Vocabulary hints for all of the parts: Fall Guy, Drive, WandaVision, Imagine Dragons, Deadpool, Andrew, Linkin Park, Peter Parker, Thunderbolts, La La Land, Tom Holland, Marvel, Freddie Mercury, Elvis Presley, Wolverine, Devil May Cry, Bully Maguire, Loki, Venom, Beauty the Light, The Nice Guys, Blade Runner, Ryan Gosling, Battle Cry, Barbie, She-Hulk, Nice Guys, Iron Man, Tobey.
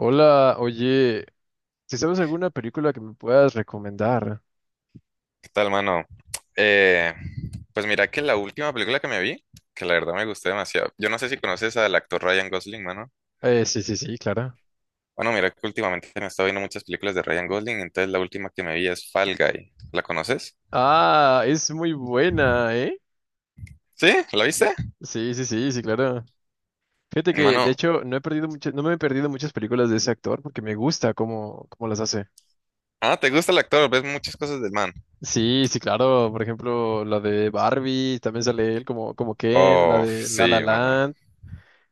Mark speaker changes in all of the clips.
Speaker 1: Hola, oye, ¿si sabes alguna película que me puedas recomendar?
Speaker 2: ¿Qué tal, mano? Eh, pues mira que la última película que me vi, que la verdad me gustó demasiado. Yo no sé si conoces al actor Ryan Gosling, mano.
Speaker 1: Sí, sí, sí, claro.
Speaker 2: Bueno, mira que últimamente me he estado viendo muchas películas de Ryan Gosling, entonces la última que me vi es Fall Guy. ¿La conoces?
Speaker 1: Ah, es muy buena, ¿eh?
Speaker 2: ¿Sí? ¿La viste?
Speaker 1: Sí, sí, sí, sí, claro. Fíjate que, de
Speaker 2: Mano,
Speaker 1: hecho, no me he perdido muchas películas de ese actor porque me gusta cómo las hace.
Speaker 2: ah, ¿te gusta el actor? ¿Ves muchas cosas del man?
Speaker 1: Sí, sí, claro. Por ejemplo, la de Barbie, también sale él como Ken, la
Speaker 2: Oh,
Speaker 1: de La La
Speaker 2: sí, mano.
Speaker 1: Land.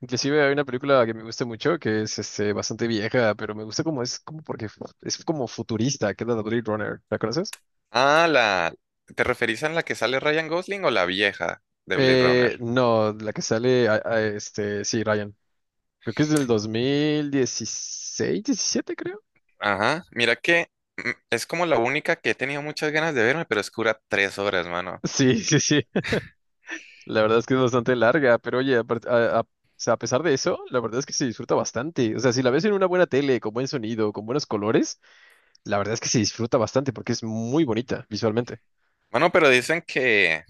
Speaker 1: Inclusive hay una película que me gusta mucho, que es bastante vieja, pero me gusta como es, como porque es como futurista, que es la de Blade Runner. ¿La conoces?
Speaker 2: Ah, la... ¿Te referís a la que sale Ryan Gosling o la vieja de Blade Runner?
Speaker 1: No, la que sale, a sí, Ryan. Creo que es del 2016, 17, creo.
Speaker 2: Ajá, mira que es como la única que he tenido muchas ganas de verme, pero es que dura 3 horas, mano.
Speaker 1: Sí, sí, sí. La verdad es que es bastante larga, pero oye, o sea, a pesar de eso, la verdad es que se disfruta bastante. O sea, si la ves en una buena tele, con buen sonido, con buenos colores, la verdad es que se disfruta bastante porque es muy bonita visualmente.
Speaker 2: Bueno, pero dicen que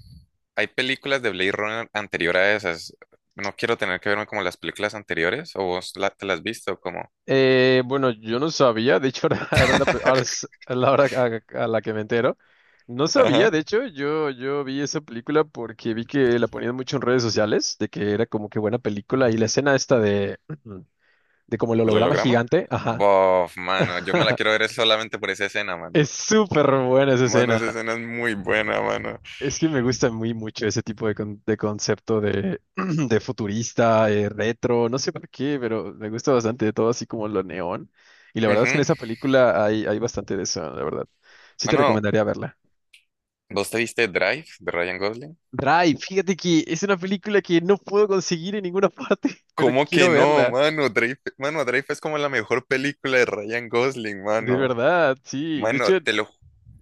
Speaker 2: hay películas de Blade Runner anterior a esas. No quiero tener que verme como las películas anteriores, o vos te las has visto como.
Speaker 1: Bueno, yo no sabía, de hecho, ahora, ahora es la, pri- ahora es la hora a la que me entero. No
Speaker 2: Ajá.
Speaker 1: sabía, de hecho, yo vi esa película porque vi que la ponían mucho en redes sociales, de que era como que buena película y la escena esta de, de como el
Speaker 2: ¿Del
Speaker 1: holograma
Speaker 2: holograma?
Speaker 1: gigante, ajá.
Speaker 2: Bof, mano, yo me la quiero ver es solamente por esa escena, mano.
Speaker 1: Es súper buena esa
Speaker 2: Mano,
Speaker 1: escena.
Speaker 2: esa escena es muy buena, mano.
Speaker 1: Es que me gusta muy mucho ese tipo de concepto de, de futurista, retro, no sé por qué, pero me gusta bastante todo así como lo neón. Y la verdad es que en
Speaker 2: Ujú.
Speaker 1: esa película hay bastante de eso, la verdad. Sí te
Speaker 2: Mano,
Speaker 1: recomendaría verla.
Speaker 2: ¿vos te viste Drive de Ryan Gosling?
Speaker 1: Drive, fíjate que es una película que no puedo conseguir en ninguna parte, pero que
Speaker 2: ¿Cómo que
Speaker 1: quiero
Speaker 2: no,
Speaker 1: verla.
Speaker 2: mano? Drive, mano, Drive es como la mejor película de Ryan Gosling,
Speaker 1: De
Speaker 2: mano.
Speaker 1: verdad, sí. De
Speaker 2: Mano,
Speaker 1: hecho,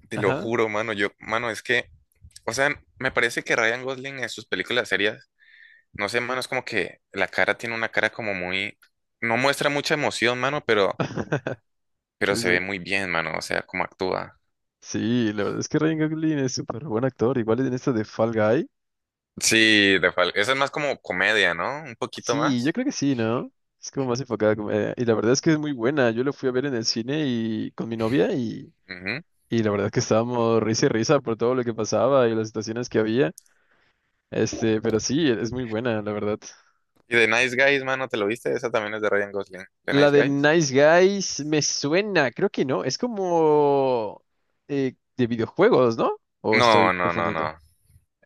Speaker 2: te lo
Speaker 1: ajá.
Speaker 2: juro, mano, yo, mano, es que, o sea, me parece que Ryan Gosling en sus películas serias, no sé, mano, es como que la cara tiene una cara como muy, no muestra mucha emoción, mano, pero
Speaker 1: Sí,
Speaker 2: se ve
Speaker 1: sí.
Speaker 2: muy bien, mano, o sea, cómo actúa.
Speaker 1: Sí, la verdad es que Ryan Gosling es súper buen actor. Igual en esta de Fall Guy.
Speaker 2: Sí, de esa es más como comedia, ¿no? Un poquito
Speaker 1: Sí, yo
Speaker 2: más.
Speaker 1: creo que sí, ¿no? Es como más enfocada, como, y la verdad es que es muy buena. Yo lo fui a ver en el cine y con mi novia y,
Speaker 2: Ujú.
Speaker 1: y la verdad es que estábamos risa y risa por todo lo que pasaba y las situaciones que había. Pero sí, es muy buena, la verdad.
Speaker 2: Y The Nice Guys, mano, ¿te lo viste? Esa también es de Ryan Gosling. ¿The
Speaker 1: La
Speaker 2: Nice
Speaker 1: de
Speaker 2: Guys?
Speaker 1: Nice Guys me suena, creo que no. Es como de videojuegos, ¿no? ¿O estoy
Speaker 2: No, no, no,
Speaker 1: confundiendo?
Speaker 2: no.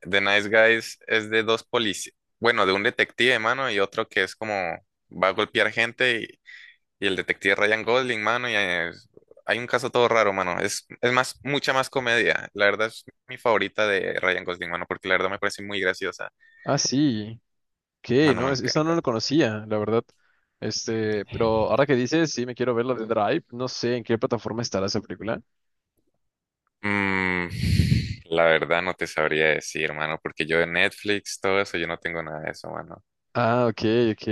Speaker 2: The Nice Guys es de dos policías, bueno, de un detective, mano, y otro que es como va a golpear gente y el detective Ryan Gosling, mano, hay un caso todo raro, mano. Es más, mucha más comedia. La verdad es mi favorita de Ryan Gosling, mano, porque la verdad me parece muy graciosa.
Speaker 1: Ah, sí. ¿Qué?
Speaker 2: Mano,
Speaker 1: No,
Speaker 2: me
Speaker 1: esa no
Speaker 2: encanta.
Speaker 1: la conocía, la verdad. Pero ahora que dices, sí, me quiero ver la de Drive. No sé en qué plataforma estará esa película.
Speaker 2: Mm, la verdad no te sabría decir, mano, porque yo de Netflix, todo eso, yo no tengo nada de eso, mano.
Speaker 1: Ah, ok, ok.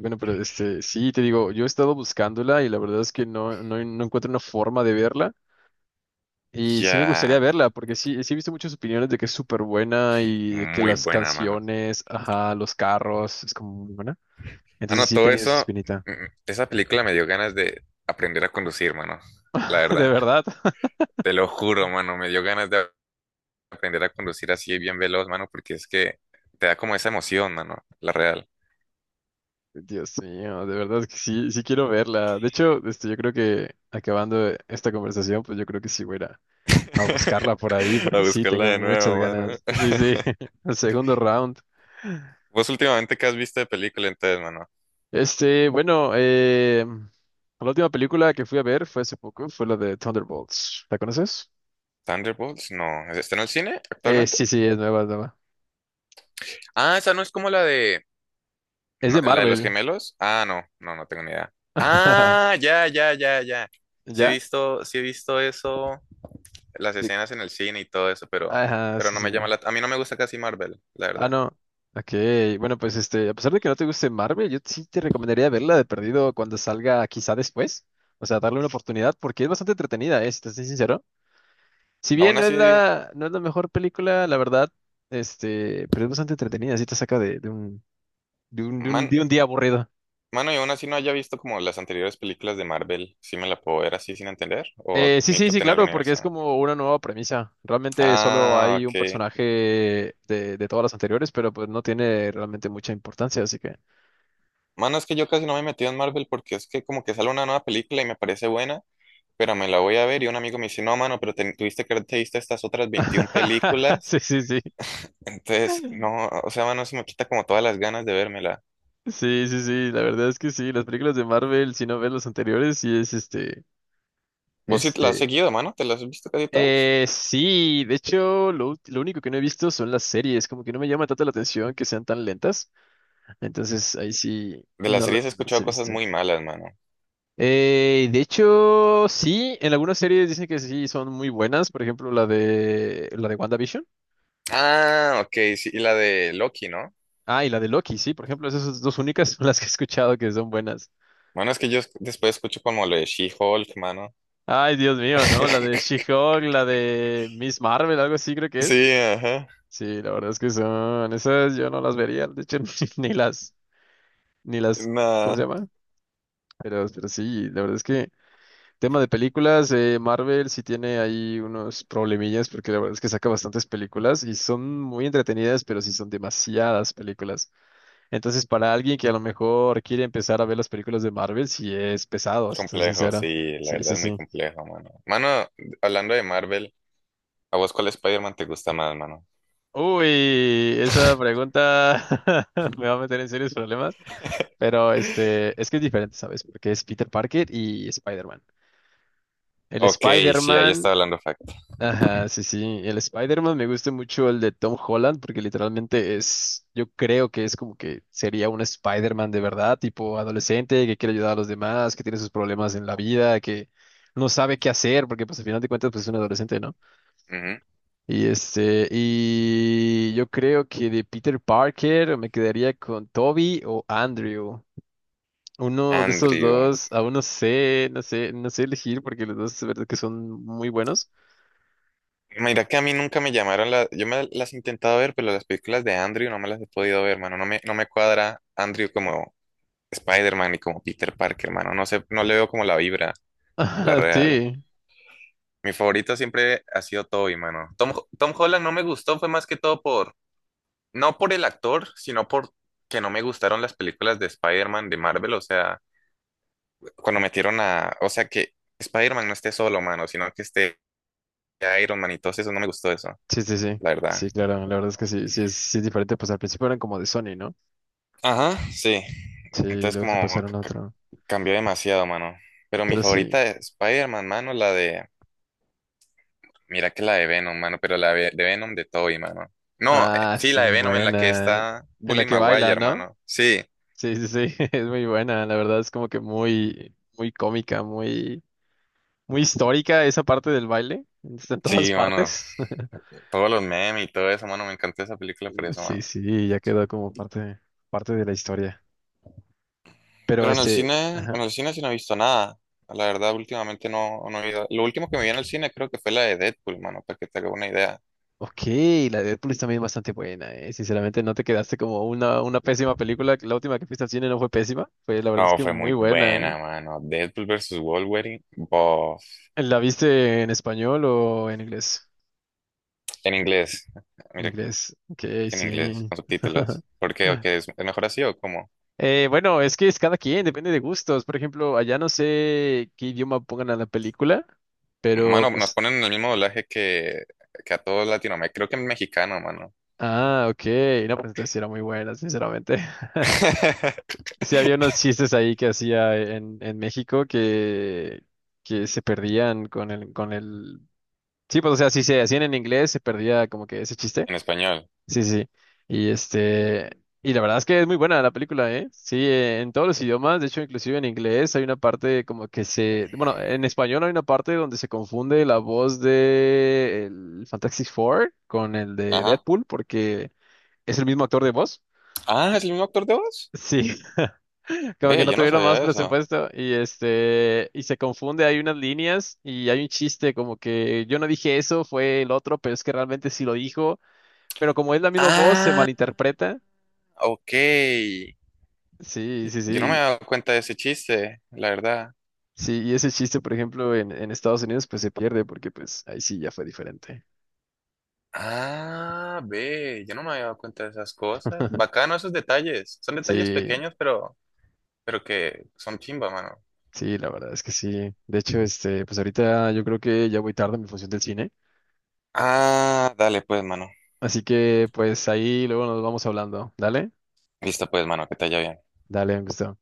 Speaker 1: Bueno, pero sí, te digo, yo he estado buscándola y la verdad es que no, no, no encuentro una forma de verla. Y sí me gustaría
Speaker 2: Ya,
Speaker 1: verla, porque sí, sí he visto muchas opiniones de que es súper buena y de que
Speaker 2: muy
Speaker 1: las
Speaker 2: buena, mano.
Speaker 1: canciones, ajá, los carros, es como muy buena. Entonces
Speaker 2: Mano,
Speaker 1: sí he
Speaker 2: todo
Speaker 1: tenido esa
Speaker 2: eso,
Speaker 1: espinita.
Speaker 2: mm, esa película me dio ganas de aprender a conducir, mano. La
Speaker 1: De
Speaker 2: verdad,
Speaker 1: verdad.
Speaker 2: te lo juro, mano, me dio ganas de aprender a conducir así bien veloz, mano, porque es que te da como esa emoción, mano, la real.
Speaker 1: Dios mío, de verdad que sí, sí quiero verla. De hecho, yo creo que acabando esta conversación, pues yo creo que sí voy a ir a buscarla por ahí,
Speaker 2: A
Speaker 1: porque sí,
Speaker 2: buscarla
Speaker 1: tengo
Speaker 2: de
Speaker 1: muchas
Speaker 2: nuevo, mano.
Speaker 1: ganas. Sí, sí, el segundo round.
Speaker 2: ¿Vos últimamente qué has visto de película entonces, mano?
Speaker 1: Bueno, la última película que fui a ver fue hace poco, fue la de Thunderbolts. ¿La conoces?
Speaker 2: ¿Thunderbolts? No. ¿Está en el cine actualmente?
Speaker 1: Sí, sí, es nueva, es nueva.
Speaker 2: Ah, esa no es como la de...
Speaker 1: Es de
Speaker 2: no, ¿la de los
Speaker 1: Marvel.
Speaker 2: gemelos? Ah, no, no, no tengo ni idea. Ah, ya, ya, ya, ya.
Speaker 1: ¿Ya?
Speaker 2: Sí he visto eso. Las
Speaker 1: De-
Speaker 2: escenas en el cine y todo eso,
Speaker 1: Ajá,
Speaker 2: pero
Speaker 1: sí,
Speaker 2: no me llama
Speaker 1: sí.
Speaker 2: la... A mí no me gusta casi Marvel, la
Speaker 1: Ah,
Speaker 2: verdad.
Speaker 1: no. Ok, bueno, pues a pesar de que no te guste Marvel, yo sí te recomendaría verla de perdido cuando salga quizá después. O sea, darle una oportunidad porque es bastante entretenida, ¿eh? Si te soy sincero. Si bien
Speaker 2: Aún
Speaker 1: no es
Speaker 2: así,
Speaker 1: la, no es la mejor película, la verdad, pero es bastante entretenida, sí te saca de un, de un, de un,
Speaker 2: man,
Speaker 1: de un día aburrido.
Speaker 2: mano, y aún así no haya visto como las anteriores películas de Marvel, ¿sí me la puedo ver así sin entender? ¿O
Speaker 1: Sí, sí,
Speaker 2: necesito
Speaker 1: sí,
Speaker 2: tener
Speaker 1: claro, porque
Speaker 2: universo?
Speaker 1: es como una nueva premisa. Realmente solo
Speaker 2: Ah,
Speaker 1: hay un
Speaker 2: ok.
Speaker 1: personaje de todas las anteriores, pero pues no tiene realmente mucha importancia, así que...
Speaker 2: Mano, es que yo casi no me he metido en Marvel porque es que como que sale una nueva película y me parece buena, pero me la voy a ver y un amigo me dice, no, mano, pero tuviste que haberte visto estas otras 21 películas.
Speaker 1: Sí, sí, sí.
Speaker 2: Entonces, no, o sea, mano, se me quita como todas las ganas de vérmela.
Speaker 1: Sí, sí, sí, la verdad es que sí, las películas de Marvel, si no ves las anteriores, sí es
Speaker 2: ¿Vos sí te la has
Speaker 1: Este...
Speaker 2: seguido, mano? ¿Te las has visto casi todas?
Speaker 1: Sí, de hecho, lo único que no he visto son las series, como que no me llama tanto la atención que sean tan lentas, entonces ahí sí,
Speaker 2: De las
Speaker 1: no,
Speaker 2: series he
Speaker 1: no las
Speaker 2: escuchado
Speaker 1: he
Speaker 2: cosas
Speaker 1: visto.
Speaker 2: muy malas, mano.
Speaker 1: De hecho, sí, en algunas series dicen que sí son muy buenas, por ejemplo, la de WandaVision.
Speaker 2: Ah, ok, sí, y la de Loki, ¿no?
Speaker 1: Ah, y la de Loki, sí, por ejemplo, esas dos únicas son las que he escuchado que son buenas.
Speaker 2: Bueno, es que yo después escucho como lo de She-Hulk, mano.
Speaker 1: Ay, Dios mío, ¿no? La de She-Hulk, la de Miss Marvel, algo así creo que es.
Speaker 2: Sí, ajá.
Speaker 1: Sí, la verdad es que son esas yo no las vería, de hecho ni, ni las ni las ¿cómo se
Speaker 2: Nada
Speaker 1: llama? Pero sí, la verdad es que tema de películas, Marvel sí tiene ahí unos problemillas porque la verdad es que saca bastantes películas y son muy entretenidas, pero sí son demasiadas películas. Entonces, para alguien que a lo mejor quiere empezar a ver las películas de Marvel, sí es pesado, si estoy
Speaker 2: complejo,
Speaker 1: sincero.
Speaker 2: sí, la
Speaker 1: Sí,
Speaker 2: verdad
Speaker 1: sí,
Speaker 2: es muy
Speaker 1: sí.
Speaker 2: complejo, mano. Mano, hablando de Marvel, ¿a vos cuál Spider-Man te gusta más, mano?
Speaker 1: Uy, esa pregunta me va a meter en serios problemas, pero es que es diferente, ¿sabes? Porque es Peter Parker y Spider-Man. El
Speaker 2: Ok, sí, ahí
Speaker 1: Spider-Man
Speaker 2: estaba hablando facto.
Speaker 1: Ajá, sí, sí. El Spider-Man me gusta mucho el de Tom Holland porque literalmente es, yo creo que es como que sería un Spider-Man de verdad, tipo adolescente que quiere ayudar a los demás, que tiene sus problemas en la vida, que no sabe qué hacer porque pues al final de cuentas pues es un adolescente, ¿no?
Speaker 2: Ujú.
Speaker 1: Y yo creo que de Peter Parker me quedaría con Toby o Andrew. Uno de esos
Speaker 2: Andrew.
Speaker 1: dos, aún no sé, no sé, no sé elegir porque los dos es verdad que son muy buenos.
Speaker 2: Mira que a mí nunca me llamaron las... Yo me las he intentado ver, pero las películas de Andrew no me las he podido ver, mano. No me cuadra Andrew como Spider-Man y como Peter Parker, mano. No sé, no le veo como la vibra, la
Speaker 1: Ajá,
Speaker 2: real.
Speaker 1: sí.
Speaker 2: Mi favorito siempre ha sido Tobey, mano. Tom Holland no me gustó, fue más que todo por, no por el actor, sino por que no me gustaron las películas de Spider-Man de Marvel. O sea, cuando metieron a, o sea, que Spider-Man no esté solo, mano, sino que esté Iron Man y todo eso, no me gustó eso,
Speaker 1: Sí, sí, sí.
Speaker 2: la verdad.
Speaker 1: Sí, claro, la verdad es que sí, sí es, diferente, pues al principio eran como de Sony, ¿no?
Speaker 2: Ajá, sí.
Speaker 1: Sí,
Speaker 2: Entonces
Speaker 1: luego se
Speaker 2: como
Speaker 1: pasaron a otro.
Speaker 2: cambió demasiado, mano. Pero mi
Speaker 1: Pero sí.
Speaker 2: favorita de Spider-Man, mano, la de... Mira que la de Venom, mano, pero la de Venom de Toby, mano. No,
Speaker 1: Ah,
Speaker 2: sí,
Speaker 1: esa
Speaker 2: la
Speaker 1: es
Speaker 2: de
Speaker 1: muy
Speaker 2: Venom en la que
Speaker 1: buena.
Speaker 2: está
Speaker 1: En la
Speaker 2: Bully
Speaker 1: que
Speaker 2: Maguire,
Speaker 1: baila, ¿no?
Speaker 2: hermano. Sí,
Speaker 1: Sí, sí, sí, es muy buena, la verdad es como que muy, muy cómica, muy, muy histórica esa parte del baile. Está en todas
Speaker 2: sí, mano.
Speaker 1: partes.
Speaker 2: Todos los memes y todo eso, mano. Me encantó esa película por eso,
Speaker 1: Sí,
Speaker 2: mano.
Speaker 1: sí, ya quedó como parte, parte de la historia. Pero
Speaker 2: Pero
Speaker 1: ajá.
Speaker 2: en el cine sí no he visto nada. La verdad, últimamente no, no he ido. Lo último que me vi en el cine creo que fue la de Deadpool, mano, para que te haga una idea.
Speaker 1: Ok, la de Deadpool es también bastante buena, eh. Sinceramente, no te quedaste como una pésima película. La última que fuiste al cine no fue pésima. Fue, la verdad es
Speaker 2: No,
Speaker 1: que
Speaker 2: fue
Speaker 1: muy
Speaker 2: muy
Speaker 1: buena, eh.
Speaker 2: buena, mano. Deadpool versus Wolverine, bof.
Speaker 1: ¿La viste en español o en inglés?
Speaker 2: En inglés.
Speaker 1: En
Speaker 2: Mira
Speaker 1: inglés. Ok,
Speaker 2: que en inglés,
Speaker 1: sí.
Speaker 2: con subtítulos. ¿Por qué? ¿O qué? ¿Es mejor así o cómo?
Speaker 1: Bueno, es que es cada quien, depende de gustos. Por ejemplo, allá no sé qué idioma pongan a la película, pero
Speaker 2: Mano, nos
Speaker 1: pues.
Speaker 2: ponen en el mismo doblaje que a todos Latinoamérica. Creo que en mexicano, mano.
Speaker 1: Ah, ok. No, pues entonces sí era muy buena, sinceramente. Sí, había unos chistes ahí que hacía en México que se perdían con el... Sí, pues o sea, si se hacían en inglés, se perdía como que ese chiste.
Speaker 2: En español.
Speaker 1: Sí, sí. Y este... Y la verdad es que es muy buena la película, ¿eh? Sí, en todos los idiomas, de hecho, inclusive en inglés hay una parte como que se... Bueno, en español hay una parte donde se confunde la voz de el Fantastic Four con el de
Speaker 2: Ajá.
Speaker 1: Deadpool porque es el mismo actor de voz.
Speaker 2: Ah, ¿es el mismo actor de voz?
Speaker 1: Sí. Como que
Speaker 2: Ve,
Speaker 1: no
Speaker 2: yo no
Speaker 1: tuvieron más
Speaker 2: sabía eso.
Speaker 1: presupuesto y se confunde, hay unas líneas y hay un chiste como que yo no dije eso, fue el otro, pero es que realmente sí lo dijo, pero como es la misma voz se
Speaker 2: Ah,
Speaker 1: malinterpreta.
Speaker 2: ok.
Speaker 1: Sí, sí,
Speaker 2: Yo no me
Speaker 1: sí.
Speaker 2: había dado cuenta de ese chiste, la verdad.
Speaker 1: Sí, y ese chiste, por ejemplo, en Estados Unidos pues se pierde porque pues ahí sí ya fue diferente.
Speaker 2: Ah, ve, yo no me había dado cuenta de esas cosas. Bacano esos detalles. Son detalles
Speaker 1: Sí,
Speaker 2: pequeños, pero que son chimba, mano.
Speaker 1: sí, la verdad es que sí. De hecho, pues ahorita yo creo que ya voy tarde en mi función del cine,
Speaker 2: Ah, dale pues, mano.
Speaker 1: así que pues ahí luego nos vamos hablando. Dale,
Speaker 2: Listo pues, mano, que te haya bien.
Speaker 1: dale, me